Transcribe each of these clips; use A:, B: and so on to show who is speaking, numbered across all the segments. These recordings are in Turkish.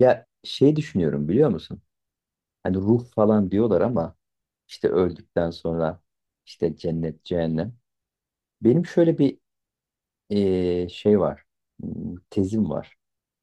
A: Ya şey düşünüyorum biliyor musun? Hani ruh falan diyorlar ama işte öldükten sonra işte cennet, cehennem. Benim şöyle bir şey var, tezim var.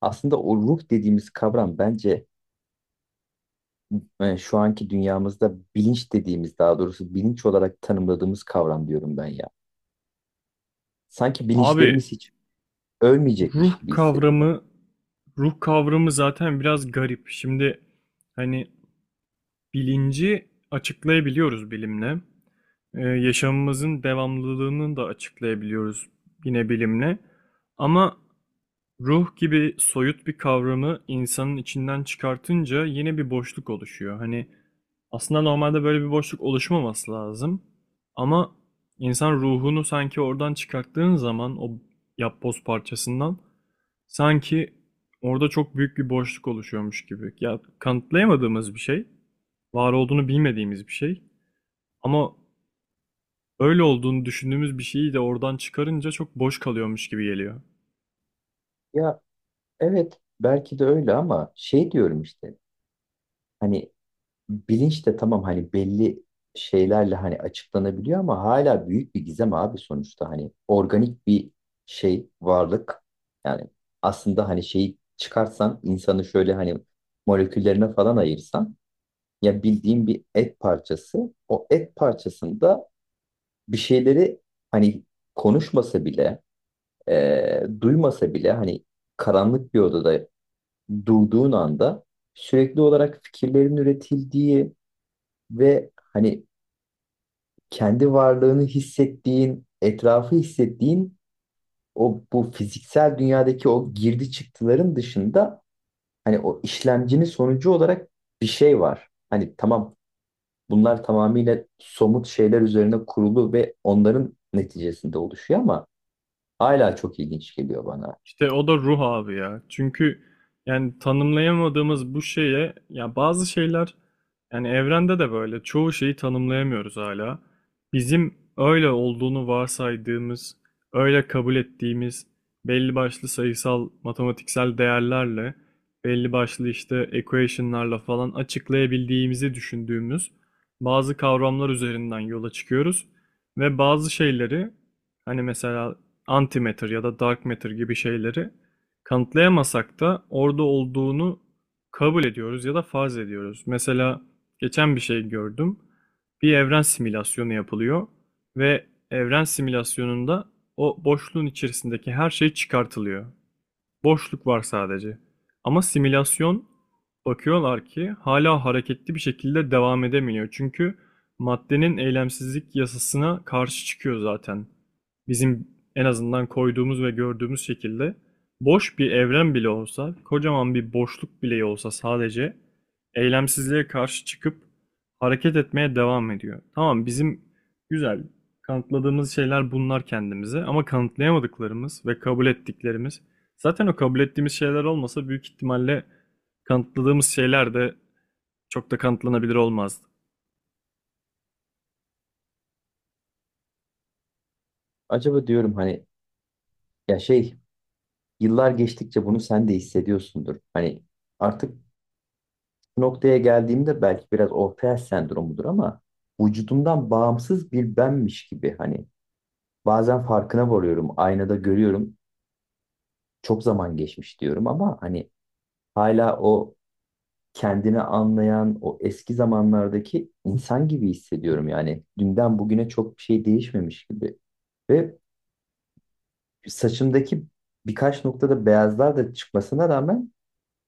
A: Aslında o ruh dediğimiz kavram bence şu anki dünyamızda bilinç dediğimiz, daha doğrusu bilinç olarak tanımladığımız kavram diyorum ben ya. Sanki
B: Abi
A: bilinçlerimiz hiç
B: ruh
A: ölmeyecekmiş gibi hissediyorum.
B: kavramı ruh kavramı zaten biraz garip. Şimdi hani bilinci açıklayabiliyoruz bilimle. Yaşamımızın devamlılığını da açıklayabiliyoruz yine bilimle. Ama ruh gibi soyut bir kavramı insanın içinden çıkartınca yeni bir boşluk oluşuyor. Hani aslında normalde böyle bir boşluk oluşmaması lazım. Ama insan ruhunu sanki oradan çıkarttığın zaman o yapboz parçasından sanki orada çok büyük bir boşluk oluşuyormuş gibi. Ya kanıtlayamadığımız bir şey, var olduğunu bilmediğimiz bir şey. Ama öyle olduğunu düşündüğümüz bir şeyi de oradan çıkarınca çok boş kalıyormuş gibi geliyor.
A: Ya evet, belki de öyle ama şey diyorum işte, hani bilinç de tamam, hani belli şeylerle hani açıklanabiliyor ama hala büyük bir gizem abi. Sonuçta hani organik bir şey, varlık, yani aslında hani şeyi çıkarsan, insanı şöyle hani moleküllerine falan ayırsan ya, bildiğin bir et parçası. O et parçasında bir şeyleri hani konuşmasa bile, duymasa bile, hani karanlık bir odada durduğun anda sürekli olarak fikirlerin üretildiği ve hani kendi varlığını hissettiğin, etrafı hissettiğin, o bu fiziksel dünyadaki o girdi çıktıların dışında hani o işlemcinin sonucu olarak bir şey var. Hani tamam, bunlar tamamıyla somut şeyler üzerine kurulu ve onların neticesinde oluşuyor ama hala çok ilginç geliyor bana.
B: İşte o da ruh abi ya. Çünkü yani tanımlayamadığımız bu şeye ya bazı şeyler, yani evrende de böyle çoğu şeyi tanımlayamıyoruz hala. Bizim öyle olduğunu varsaydığımız, öyle kabul ettiğimiz belli başlı sayısal, matematiksel değerlerle, belli başlı işte equation'larla falan açıklayabildiğimizi düşündüğümüz bazı kavramlar üzerinden yola çıkıyoruz ve bazı şeyleri hani mesela antimatter ya da dark matter gibi şeyleri kanıtlayamasak da orada olduğunu kabul ediyoruz ya da farz ediyoruz. Mesela geçen bir şey gördüm. Bir evren simülasyonu yapılıyor ve evren simülasyonunda o boşluğun içerisindeki her şey çıkartılıyor. Boşluk var sadece. Ama simülasyon, bakıyorlar ki hala hareketli bir şekilde devam edemiyor. Çünkü maddenin eylemsizlik yasasına karşı çıkıyor zaten. Bizim en azından koyduğumuz ve gördüğümüz şekilde boş bir evren bile olsa, kocaman bir boşluk bile olsa sadece eylemsizliğe karşı çıkıp hareket etmeye devam ediyor. Tamam, bizim güzel kanıtladığımız şeyler bunlar kendimize, ama kanıtlayamadıklarımız ve kabul ettiklerimiz, zaten o kabul ettiğimiz şeyler olmasa büyük ihtimalle kanıtladığımız şeyler de çok da kanıtlanabilir olmazdı.
A: Acaba diyorum hani, ya şey, yıllar geçtikçe bunu sen de hissediyorsundur. Hani artık noktaya geldiğimde belki biraz ortaya sendromudur ama vücudumdan bağımsız bir benmiş gibi hani bazen farkına varıyorum, aynada görüyorum, çok zaman geçmiş diyorum ama hani hala o kendini anlayan o eski zamanlardaki insan gibi hissediyorum yani, dünden bugüne çok bir şey değişmemiş gibi. Ve saçımdaki birkaç noktada beyazlar da çıkmasına rağmen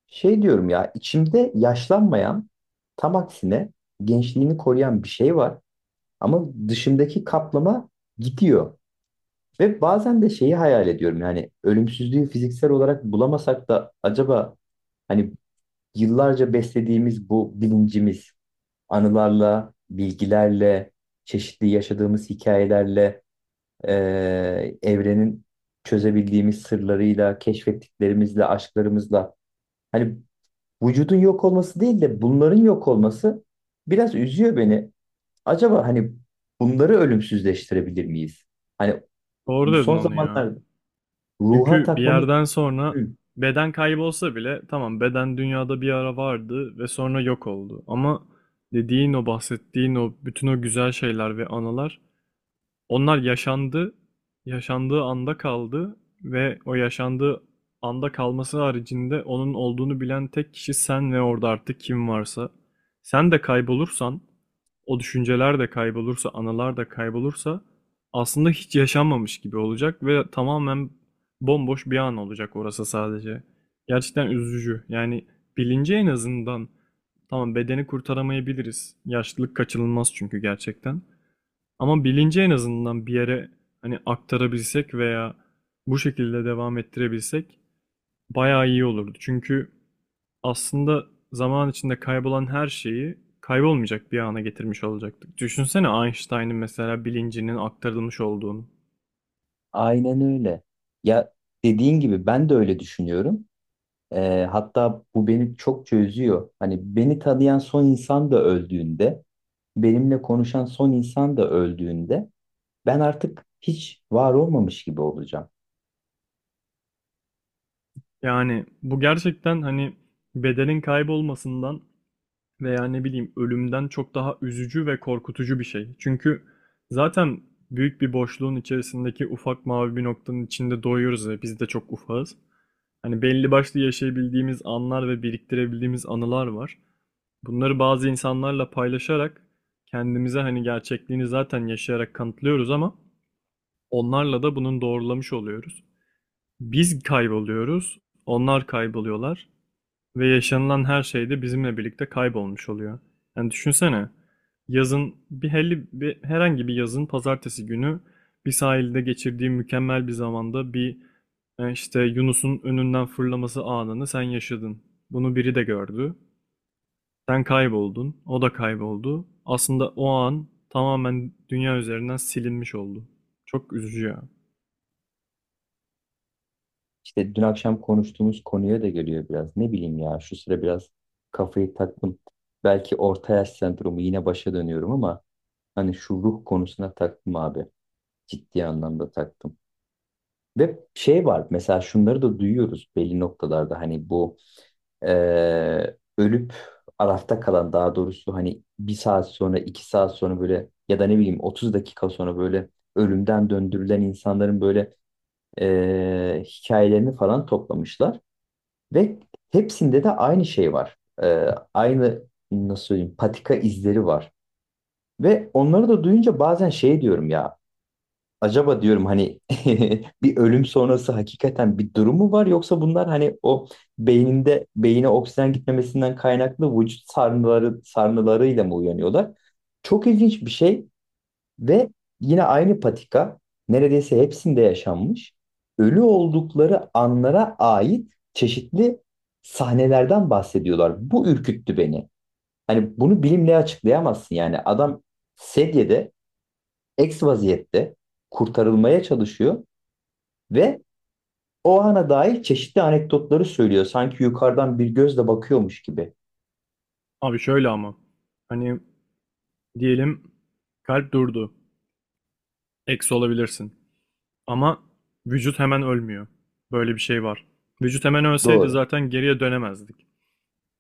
A: şey diyorum ya, içimde yaşlanmayan, tam aksine gençliğini koruyan bir şey var. Ama dışındaki kaplama gidiyor. Ve bazen de şeyi hayal ediyorum, yani ölümsüzlüğü fiziksel olarak bulamasak da acaba hani yıllarca beslediğimiz bu bilincimiz, anılarla, bilgilerle, çeşitli yaşadığımız hikayelerle, evrenin çözebildiğimiz sırlarıyla, keşfettiklerimizle, aşklarımızla, hani vücudun yok olması değil de bunların yok olması biraz üzüyor beni. Acaba hani bunları ölümsüzleştirebilir miyiz? Hani
B: Doğru
A: bu
B: dedin
A: son
B: onu ya.
A: zamanlarda ruha
B: Çünkü bir
A: takmamız
B: yerden sonra
A: mümkün.
B: beden kaybolsa bile, tamam, beden dünyada bir ara vardı ve sonra yok oldu. Ama dediğin o, bahsettiğin o bütün o güzel şeyler ve anılar, onlar yaşandı, yaşandığı anda kaldı ve o yaşandığı anda kalması haricinde onun olduğunu bilen tek kişi sen ve orada artık kim varsa. Sen de kaybolursan, o düşünceler de kaybolursa, anılar da kaybolursa, aslında hiç yaşanmamış gibi olacak ve tamamen bomboş bir an olacak orası sadece. Gerçekten üzücü. Yani bilinci en azından, tamam, bedeni kurtaramayabiliriz. Yaşlılık kaçınılmaz çünkü gerçekten. Ama bilinci en azından bir yere hani aktarabilsek veya bu şekilde devam ettirebilsek bayağı iyi olurdu. Çünkü aslında zaman içinde kaybolan her şeyi kaybolmayacak bir ana getirmiş olacaktık. Düşünsene Einstein'ın mesela bilincinin aktarılmış olduğunu.
A: Aynen öyle. Ya dediğin gibi ben de öyle düşünüyorum. Hatta bu beni çokça üzüyor. Hani beni tanıyan son insan da öldüğünde, benimle konuşan son insan da öldüğünde ben artık hiç var olmamış gibi olacağım.
B: Yani bu gerçekten hani bedenin kaybolmasından veya ne bileyim, ölümden çok daha üzücü ve korkutucu bir şey. Çünkü zaten büyük bir boşluğun içerisindeki ufak mavi bir noktanın içinde doğuyoruz ve biz de çok ufağız. Hani belli başlı yaşayabildiğimiz anlar ve biriktirebildiğimiz anılar var. Bunları bazı insanlarla paylaşarak kendimize hani gerçekliğini zaten yaşayarak kanıtlıyoruz, ama onlarla da bunun doğrulamış oluyoruz. Biz kayboluyoruz, onlar kayboluyorlar. Ve yaşanılan her şey de bizimle birlikte kaybolmuş oluyor. Yani düşünsene, yazın bir herhangi bir yazın pazartesi günü bir sahilde geçirdiği mükemmel bir zamanda bir işte Yunus'un önünden fırlaması anını sen yaşadın. Bunu biri de gördü. Sen kayboldun, o da kayboldu. Aslında o an tamamen dünya üzerinden silinmiş oldu. Çok üzücü ya.
A: İşte dün akşam konuştuğumuz konuya da geliyor biraz. Ne bileyim ya, şu sıra biraz kafayı taktım. Belki orta yaş sendromu, yine başa dönüyorum ama hani şu ruh konusuna taktım abi. Ciddi anlamda taktım. Ve şey var mesela, şunları da duyuyoruz belli noktalarda hani bu ölüp arafta kalan, daha doğrusu hani bir saat sonra, iki saat sonra böyle, ya da ne bileyim, 30 dakika sonra böyle ölümden döndürülen insanların böyle hikayelerini falan toplamışlar. Ve hepsinde de aynı şey var. Aynı, nasıl söyleyeyim, patika izleri var. Ve onları da duyunca bazen şey diyorum ya, acaba diyorum hani bir ölüm sonrası hakikaten bir durum mu var, yoksa bunlar hani o beyine oksijen gitmemesinden kaynaklı vücut sarnılarıyla mı uyanıyorlar? Çok ilginç bir şey. Ve yine aynı patika neredeyse hepsinde yaşanmış. Ölü oldukları anlara ait çeşitli sahnelerden bahsediyorlar. Bu ürküttü beni. Hani bunu bilimle açıklayamazsın yani. Adam sedyede, eks vaziyette kurtarılmaya çalışıyor. Ve o ana dair çeşitli anekdotları söylüyor, sanki yukarıdan bir gözle bakıyormuş gibi.
B: Abi şöyle ama hani diyelim kalp durdu. Eksi olabilirsin. Ama vücut hemen ölmüyor. Böyle bir şey var. Vücut hemen ölseydi
A: Doğru.
B: zaten geriye dönemezdik.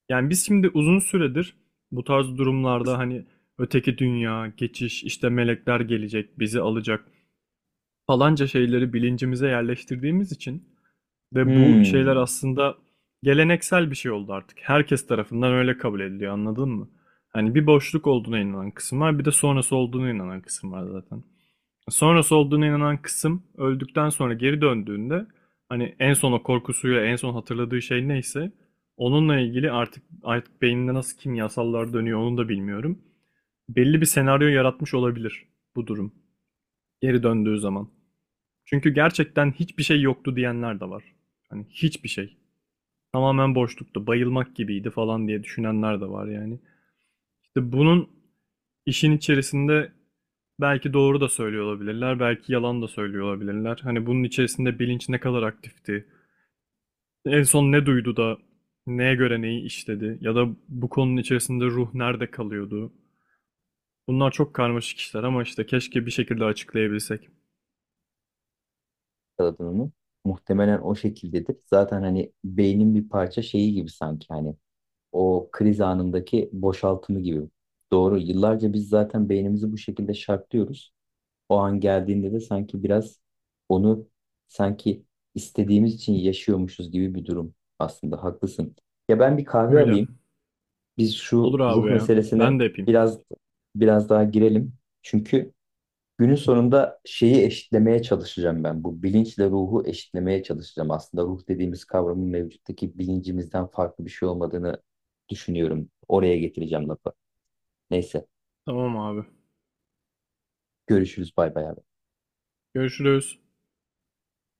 B: Yani biz şimdi uzun süredir bu tarz durumlarda hani öteki dünya, geçiş, işte melekler gelecek, bizi alacak falanca şeyleri bilincimize yerleştirdiğimiz için ve bu şeyler
A: Hmm.
B: aslında geleneksel bir şey oldu artık. Herkes tarafından öyle kabul ediliyor, anladın mı? Hani bir boşluk olduğuna inanan kısım var, bir de sonrası olduğuna inanan kısım var zaten. Sonrası olduğuna inanan kısım öldükten sonra geri döndüğünde hani en son o korkusuyla en son hatırladığı şey neyse onunla ilgili artık beyninde nasıl kimyasallar dönüyor onu da bilmiyorum. Belli bir senaryo yaratmış olabilir bu durum geri döndüğü zaman. Çünkü gerçekten hiçbir şey yoktu diyenler de var. Hani hiçbir şey. Tamamen boşluktu, bayılmak gibiydi falan diye düşünenler de var yani. İşte bunun İşin içerisinde belki doğru da söylüyor olabilirler, belki yalan da söylüyor olabilirler. Hani bunun içerisinde bilinç ne kadar aktifti? En son ne duydu da neye göre neyi işledi? Ya da bu konunun içerisinde ruh nerede kalıyordu? Bunlar çok karmaşık işler ama işte keşke bir şekilde açıklayabilsek.
A: Yakaladın onu. Muhtemelen o şekildedir. Zaten hani beynin bir parça şeyi gibi, sanki hani o kriz anındaki boşaltımı gibi. Doğru. Yıllarca biz zaten beynimizi bu şekilde şartlıyoruz. O an geldiğinde de sanki biraz onu, sanki istediğimiz için yaşıyormuşuz gibi bir durum. Aslında haklısın. Ya ben bir kahve
B: Öyle.
A: alayım. Biz şu
B: Olur abi
A: ruh
B: ya. Ben
A: meselesine
B: de yapayım.
A: biraz daha girelim. Çünkü günün sonunda şeyi eşitlemeye çalışacağım ben. Bu bilinçle ruhu eşitlemeye çalışacağım. Aslında ruh dediğimiz kavramın mevcuttaki bilincimizden farklı bir şey olmadığını düşünüyorum. Oraya getireceğim lafı. Neyse,
B: Tamam abi.
A: görüşürüz. Bay bay abi.
B: Görüşürüz.